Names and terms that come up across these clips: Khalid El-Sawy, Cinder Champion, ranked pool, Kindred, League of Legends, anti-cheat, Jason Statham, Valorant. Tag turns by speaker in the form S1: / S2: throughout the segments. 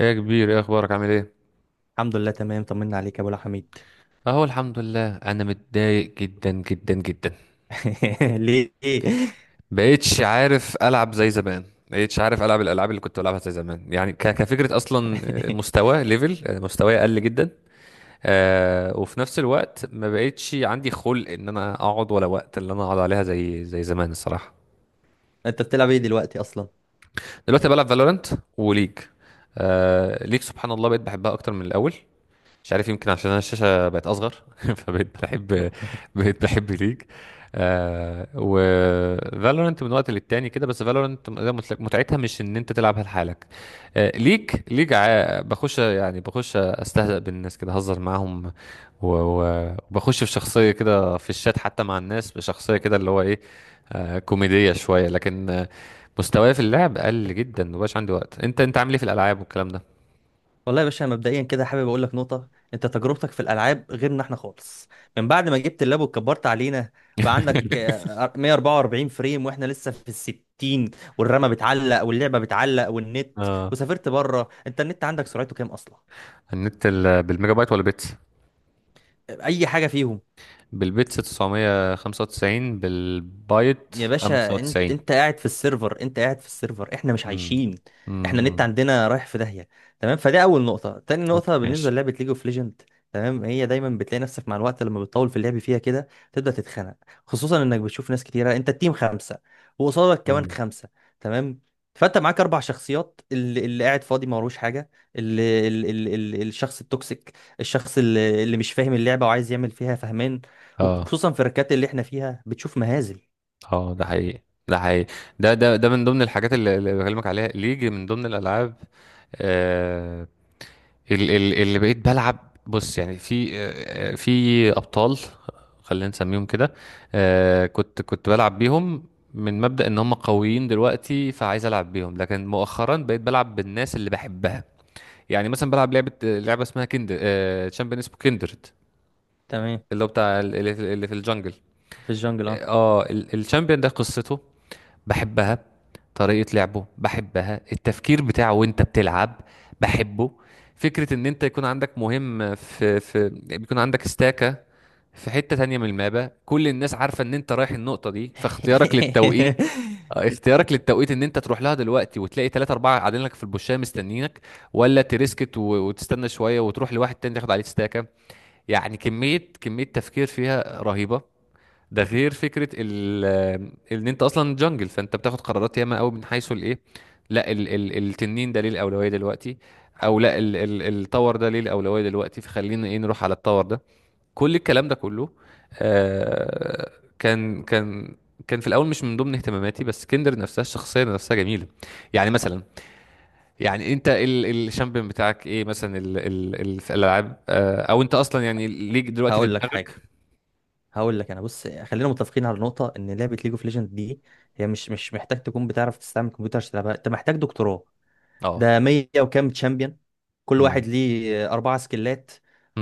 S1: ايه يا كبير، ايه اخبارك؟ عامل ايه؟
S2: الحمد لله، تمام. طمنا عليك يا ابو الحميد.
S1: اهو الحمد لله. انا متضايق جدا جدا جدا.
S2: ليه؟
S1: بقيتش عارف العب زي زمان. بقيتش عارف العب الالعاب اللي كنت بلعبها زي زمان، يعني كفكره اصلا. مستوى مستواي قل جدا. وفي نفس الوقت ما بقيتش عندي خلق ان انا اقعد، ولا وقت اللي انا اقعد عليها زي زمان الصراحه.
S2: انت بتلعب ايه دلوقتي اصلا؟
S1: دلوقتي بلعب فالورانت وليج. آه، ليج سبحان الله بقيت بحبها اكتر من الاول. مش عارف، يمكن عشان انا الشاشه بقت اصغر. فبقيت بحب، بقيت بحب ليج. آه، و فالورنت من وقت للتاني كده، بس فالورنت متعتها مش ان انت تلعبها لحالك. آه، ليج ليج بخش، يعني بخش استهزأ بالناس كده، اهزر معاهم. وبخش في شخصيه كده في الشات، حتى مع الناس بشخصيه كده اللي هو ايه، آه، كوميديه شويه. لكن مستواي في اللعب قل جدا، مبقاش عندي وقت. انت عامل ايه في الالعاب والكلام ده؟
S2: والله يا باشا، مبدئيا كده حابب اقول لك نقطه. انت تجربتك في الالعاب غيرنا احنا خالص، من بعد ما جبت اللاب وكبرت علينا بقى عندك 144 فريم، واحنا لسه في ال 60. والرامه بتعلق واللعبه بتعلق والنت.
S1: اه.
S2: وسافرت بره، انت النت عندك سرعته كام اصلا؟
S1: النت بالميجا بايت ولا بيتس؟
S2: اي حاجه فيهم.
S1: بالبيتس 995، بالبايت
S2: يا باشا انت
S1: 95.
S2: انت قاعد في السيرفر، انت قاعد في السيرفر. احنا مش
S1: امم
S2: عايشين، احنا النت
S1: امم
S2: عندنا رايح في داهية. تمام، فده اول نقطة. تاني
S1: اوكي
S2: نقطة بالنسبة
S1: ماشي.
S2: للعبة ليج اوف ليجند. تمام، هي دايما بتلاقي نفسك مع الوقت لما بتطول في اللعب فيها كده تبدأ تتخنق، خصوصا انك بتشوف ناس كتيرة. انت التيم خمسة، وقصادك كمان
S1: امم
S2: خمسة. تمام. فانت معاك اربع شخصيات، اللي قاعد فاضي ما وروش حاجة، اللي الشخص التوكسيك، الشخص اللي مش فاهم اللعبة وعايز يعمل فيها فهمان.
S1: اه.
S2: وخصوصا في الركات اللي احنا فيها بتشوف مهازل.
S1: اه، ده حقيقي، ده حقيقي. ده من ضمن الحاجات اللي بكلمك عليها، اللي يجي من ضمن الالعاب. آه، اللي بقيت بلعب. بص، يعني في في ابطال، خلينا نسميهم كده. آه، كنت بلعب بيهم من مبدأ ان هم قويين دلوقتي، فعايز العب بيهم. لكن مؤخرا بقيت بلعب بالناس اللي بحبها. يعني مثلا بلعب لعبة اسمها كندر، تشامبيون اسمه كندرد،
S2: تمام.
S1: اللي هو بتاع اللي اللي في الجنجل.
S2: في الجنجل، اه.
S1: اه، الشامبيون ده قصته بحبها، طريقة لعبه بحبها، التفكير بتاعه وانت بتلعب بحبه. فكرة ان انت يكون عندك مهم في بيكون عندك استاكة في حتة تانية من المابا، كل الناس عارفة ان انت رايح النقطة دي، فاختيارك للتوقيت، اختيارك للتوقيت ان انت تروح لها دلوقتي وتلاقي ثلاثة اربعة قاعدين لك في البوشية مستنيينك، ولا تريسكت وتستنى شوية وتروح لواحد تاني تاخد عليه استاكة. يعني كمية تفكير فيها رهيبة. ده غير فكره ال ان انت اصلا جنجل، فانت بتاخد قرارات ياما قوي من حيث الايه. لا، ال ال التنين ده ليه الاولويه دلوقتي، او لا ال ال التور ده ليه الاولويه دلوقتي، فخلينا ايه نروح على التور ده. كل الكلام ده كله آه، كان كان في الاول مش من ضمن اهتماماتي. بس كندر نفسها، الشخصيه نفسها جميله. يعني مثلا، يعني انت ال الشامبيون بتاعك ايه مثلا، ال ال ال في الالعاب؟ آه، او انت اصلا يعني ليك دلوقتي في
S2: هقول لك حاجه،
S1: دماغك؟
S2: هقول لك انا. بص، خلينا متفقين على نقطه ان لعبه ليج اوف ليجند دي، هي مش محتاج تكون بتعرف تستعمل كمبيوتر عشان تلعبها، انت محتاج دكتوراه.
S1: اه.
S2: ده 100 وكام تشامبيون، كل واحد
S1: امم
S2: ليه اربعه سكلات،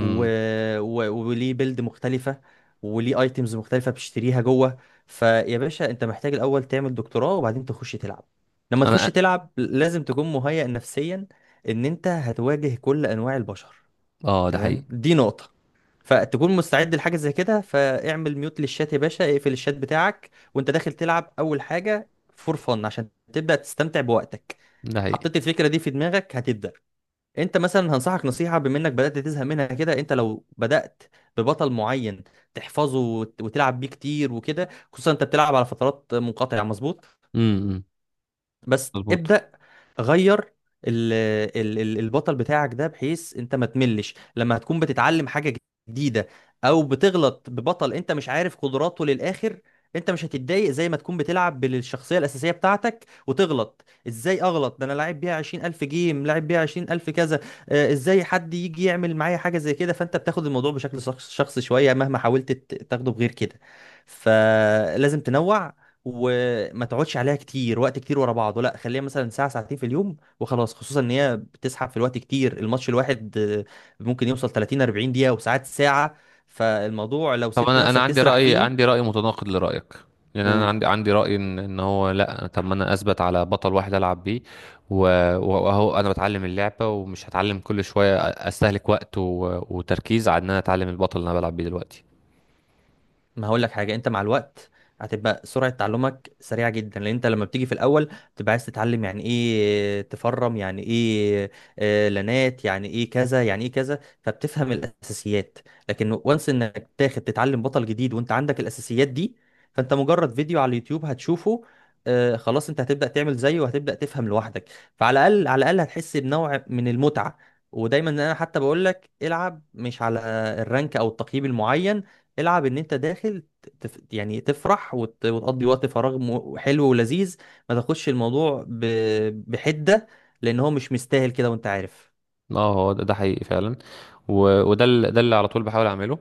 S2: و... وليه بيلد مختلفه، وليه ايتمز مختلفه بتشتريها جوه. فيا باشا، انت محتاج الاول تعمل دكتوراه وبعدين تخش تلعب. لما تخش
S1: انا.
S2: تلعب لازم تكون مهيئ نفسيا ان انت هتواجه كل انواع البشر.
S1: اه، ده حقيقي،
S2: تمام، دي نقطة. فتكون مستعد لحاجة زي كده، فاعمل ميوت للشات يا باشا، اقفل الشات بتاعك وانت داخل تلعب أول حاجة فور فن عشان تبدأ تستمتع بوقتك.
S1: ده حقيقي.
S2: حطيت الفكرة دي في دماغك هتبدأ. انت مثلا هنصحك نصيحة، بما انك بدأت تزهق منها كده، انت لو بدأت ببطل معين تحفظه وتلعب بيه كتير وكده، خصوصا انت بتلعب على فترات منقطعة، مظبوط.
S1: امم
S2: بس
S1: مظبوط.
S2: ابدأ غير ال البطل بتاعك ده، بحيث انت ما تملش لما هتكون بتتعلم حاجة جديدة، او بتغلط ببطل انت مش عارف قدراته للآخر. انت مش هتتضايق زي ما تكون بتلعب بالشخصية الأساسية بتاعتك وتغلط. ازاي اغلط؟ ده انا لاعب بيها 20000 جيم، لاعب بيها 20000 كذا. ازاي حد يجي يعمل معايا حاجة زي كده؟ فانت بتاخد الموضوع بشكل شخصي شوية، مهما حاولت تاخده بغير كده. فلازم تنوع، وما تقعدش عليها كتير، وقت كتير ورا بعضه لا. خليها مثلا ساعة ساعتين في اليوم وخلاص، خصوصا ان هي بتسحب في الوقت كتير. الماتش الواحد ممكن يوصل 30 40 دقيقة، وساعات ساعة. فالموضوع لو
S1: طب
S2: سبت
S1: انا،
S2: نفسك
S1: عندي
S2: تسرح
S1: راي،
S2: فيه.
S1: عندي راي متناقض لرايك. يعني انا
S2: قول.
S1: عندي راي ان هو لا، طب ما انا اثبت على بطل واحد العب بيه و- واهو انا بتعلم اللعبه، ومش هتعلم كل شويه استهلك وقت وتركيز على ان انا اتعلم البطل اللي انا بلعب بيه دلوقتي.
S2: ما هقول لك حاجه، انت مع الوقت هتبقى سرعه تعلمك سريعه جدا، لان انت لما بتيجي في الاول تبقى عايز تتعلم يعني ايه تفرم، يعني ايه لانات، يعني ايه كذا، يعني ايه كذا، فبتفهم الاساسيات. لكن وانس انك تاخد تتعلم بطل جديد وانت عندك الاساسيات دي، فانت مجرد فيديو على اليوتيوب هتشوفه خلاص، انت هتبدا تعمل زيه وهتبدا تفهم لوحدك. فعلى الاقل على الاقل هتحس بنوع من المتعه. ودايما انا حتى بقول لك العب مش على الرانك او التقييم المعين، العب ان انت داخل يعني تفرح وتقضي وقت فراغ حلو ولذيذ. ما تاخدش الموضوع بحدة، لان هو مش مستاهل كده وانت عارف.
S1: اه، هو ده حقيقي فعلا. وده ده اللي على طول بحاول اعمله.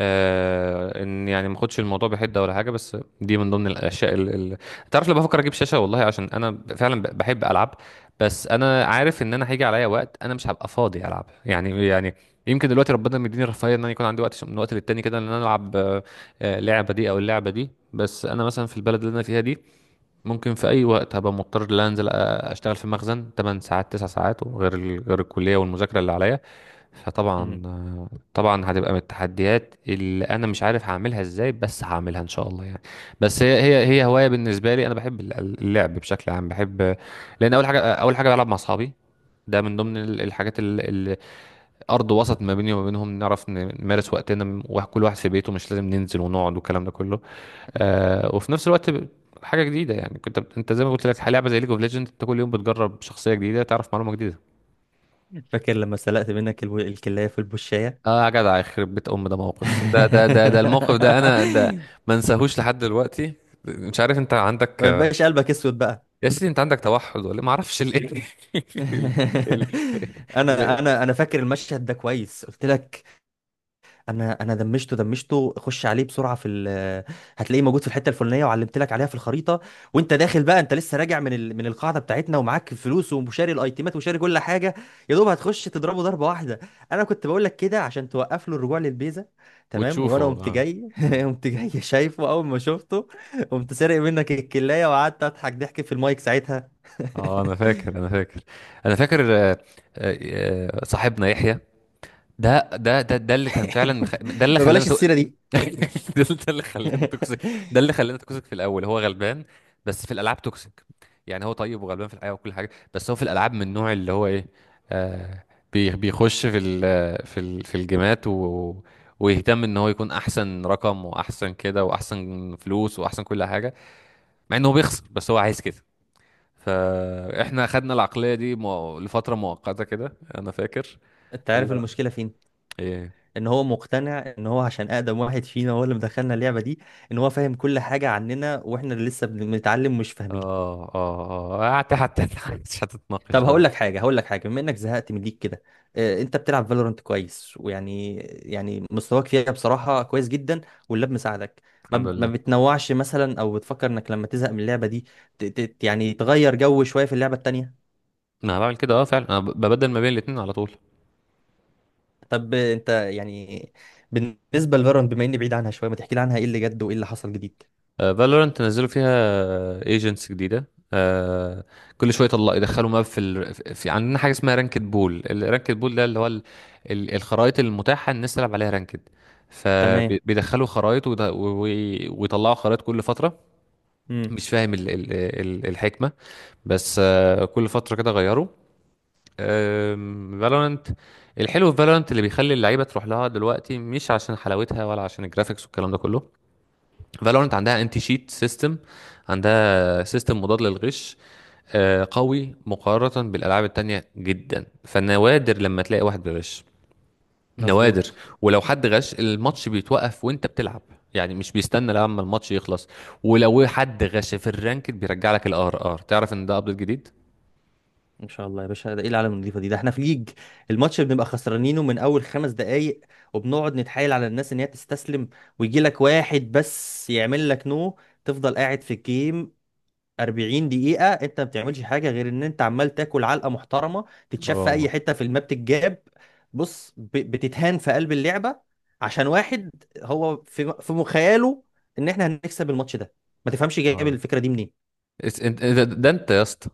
S1: آه، ان يعني ما اخدش الموضوع بحده ولا حاجه. بس دي من ضمن الاشياء اللي تعرف، لما بفكر اجيب شاشه والله، عشان انا فعلا بحب العب. بس انا عارف ان انا هيجي عليا وقت انا مش هبقى فاضي العب، يعني يعني يمكن دلوقتي ربنا مديني الرفاهيه ان انا يكون عندي وقت من وقت للتاني كده، ان انا العب لعبه دي او اللعبه دي. بس انا مثلا في البلد اللي انا فيها دي، ممكن في اي وقت هبقى مضطر ان أنا انزل اشتغل في مخزن 8 ساعات 9 ساعات، وغير غير الكليه والمذاكره اللي عليا.
S2: مم.
S1: فطبعا طبعا هتبقى من التحديات اللي انا مش عارف هعملها ازاي، بس هعملها ان شاء الله يعني. بس هي هوايه بالنسبه لي، انا بحب اللعب بشكل عام بحب. لان اول حاجه، بلعب مع اصحابي، ده من ضمن الحاجات اللي ارض وسط ما بيني وما بينهم نعرف نمارس وقتنا، وكل واحد في بيته، مش لازم ننزل ونقعد والكلام ده كله. آه، وفي نفس الوقت حاجه جديده، يعني كنت انت زي ما قلت لك، لعبه زي ليج اوف ليجند انت كل يوم بتجرب شخصيه جديده، تعرف معلومه جديده.
S2: فاكر لما سلقت منك الكلاية في البشاية؟
S1: اه يا جدع، يخرب بيت ام ده موقف، ده الموقف ده انا ده ما انساهوش لحد دلوقتي. مش عارف انت عندك،
S2: ما يبقاش قلبك اسود بقى.
S1: يا سيدي انت عندك توحد ولا إيه؟ ما اعرفش ليه. ال... ال...
S2: انا
S1: ليه؟
S2: انا انا فاكر المشهد ده كويس، قلت لك. انا دمشته، دمشته، خش عليه بسرعه في هتلاقيه موجود في الحته الفلانيه وعلمت لك عليها في الخريطه، وانت داخل بقى انت لسه راجع من من القاعده بتاعتنا، ومعاك فلوس وشاري الايتيمات وشاري كل حاجه، يا دوب هتخش تضربه ضربه واحده. انا كنت بقول لك كده عشان توقف له الرجوع للبيزه. تمام.
S1: وتشوفه،
S2: وانا قمت
S1: اه.
S2: جاي، قمت جاي شايفه اول ما شفته، قمت سارق منك الكلايه وقعدت اضحك ضحك في المايك ساعتها.
S1: اه انا فاكر انا فاكر. آه، آه، صاحبنا يحيى. ده اللي كان فعلا ده اللي
S2: ما
S1: خلانا
S2: بلاش السيره دي.
S1: ده اللي خلانا توكسيك. ده اللي خلانا توكسيك. في الاول هو غلبان، بس في الالعاب توكسيك. يعني هو طيب وغلبان في الحياه وكل حاجه، بس هو في الالعاب من النوع اللي هو ايه، آه، بيخش في في الجيمات ويهتم ان هو يكون احسن رقم واحسن كده واحسن فلوس واحسن كل حاجه، مع انه بيخسر، بس هو عايز كده. فاحنا خدنا العقليه دي لفتره مؤقته كده انا فاكر.
S2: انت عارف
S1: اللي هو
S2: المشكله فين؟
S1: ايه؟
S2: ان هو مقتنع ان هو عشان اقدم واحد فينا هو اللي مدخلنا اللعبه دي، ان هو فاهم كل حاجه عننا، واحنا اللي لسه بنتعلم مش فاهمين.
S1: اه، حتى مش هتتناقش
S2: طب
S1: بقى.
S2: هقول لك حاجه، هقول لك حاجه، بما انك زهقت من ليك كده. انت بتلعب فالورانت كويس، ويعني مستواك فيها بصراحه كويس جدا، واللاب مساعدك.
S1: الحمد
S2: ما
S1: لله.
S2: بتنوعش مثلا، او بتفكر انك لما تزهق من اللعبه دي يعني تغير جو شويه في اللعبه التانيه؟
S1: انا بعمل كده، اه فعلا، انا ببدل ما بين الاتنين على طول.
S2: طب انت يعني بالنسبه لفالورانت، بما اني بعيد عنها شويه ما تحكي لي عنها؟ ايه اللي جد وايه اللي حصل جديد؟
S1: فالورنت نزلوا فيها ايجنتس جديده، آه، كل شويه يطلع يدخلوا ماب في, في عندنا حاجه اسمها رانكد بول. الرانكد بول ده اللي هو الخرائط المتاحه الناس تلعب عليها رانكد.
S2: تمام.
S1: فبيدخلوا خرائط ويطلعوا خرائط كل فتره.
S2: امم.
S1: مش فاهم الحكمه، بس آه كل فتره كده غيروا فالورانت. الحلو في فالورانت اللي بيخلي اللعيبه تروح لها دلوقتي مش عشان حلاوتها ولا عشان الجرافيكس والكلام ده كله. فالورانت عندها انتي شيت سيستم، عندها سيستم مضاد للغش آه، قوي مقارنه بالالعاب التانية جدا، فنوادر لما تلاقي واحد بيغش، نوادر.
S2: مظبوط.
S1: ولو حد غش الماتش بيتوقف وانت بتلعب، يعني مش بيستنى لما الماتش يخلص. ولو حد غش في الرانك بيرجع لك الار ار، تعرف ان ده ابديت جديد.
S2: ان شاء الله يا باشا، ده ايه العالم النظيفه دي؟ ده احنا في ليج الماتش بنبقى خسرانينه من اول 5 دقائق، وبنقعد نتحايل على الناس ان هي تستسلم، ويجي لك واحد بس يعمل لك نو. تفضل قاعد في الجيم 40 دقيقه، انت ما بتعملش حاجه غير ان انت عمال تاكل علقه محترمه، تتشاف في اي
S1: اه،
S2: حته في الماب، تتجاب. بص، بتتهان في قلب اللعبه عشان واحد هو في مخيله ان احنا هنكسب الماتش ده. ما تفهمش جايب
S1: اه
S2: الفكره دي.
S1: ده انت يا اسطى.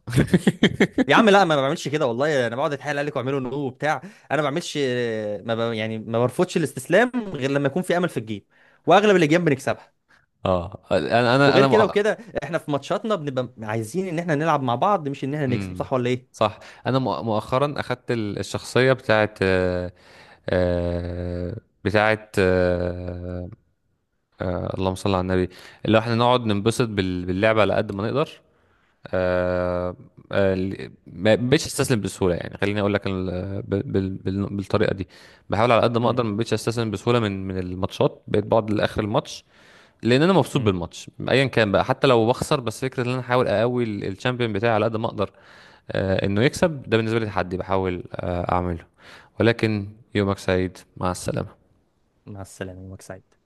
S2: يا عم لا، ما بعملش كده والله، انا بقعد اتحايل عليك واعمله نو وبتاع. انا ما بعملش. ما ب... يعني ما برفضش الاستسلام غير لما يكون في امل في الجيم، واغلب الاجيال بنكسبها،
S1: اه،
S2: وغير
S1: انا
S2: كده وكده. احنا في ماتشاتنا بنبقى عايزين ان احنا نلعب مع بعض، مش ان احنا نكسب،
S1: مم.
S2: صح ولا ايه؟
S1: صح. انا مؤخرا اخدت الشخصيه بتاعت آه، بتاعت اللهم صل على النبي، اللي هو احنا نقعد ننبسط باللعبه على قد ما نقدر. آه، ما بقتش استسلم بسهوله، يعني خليني اقول لك بالطريقه دي. بحاول على قد ما
S2: امم.
S1: اقدر، ما بقتش استسلم بسهوله من الماتشات، بقيت بقعد لاخر الماتش، لان انا مبسوط
S2: امم.
S1: بالماتش ايا كان بقى، حتى لو بخسر. بس فكره ان انا احاول اقوي الشامبيون بتاعي على قد ما اقدر آه، انه يكسب، ده بالنسبه لي تحدي بحاول اعمله، ولكن يومك سعيد مع السلامه.
S2: مع السلامة، يومك سعيد.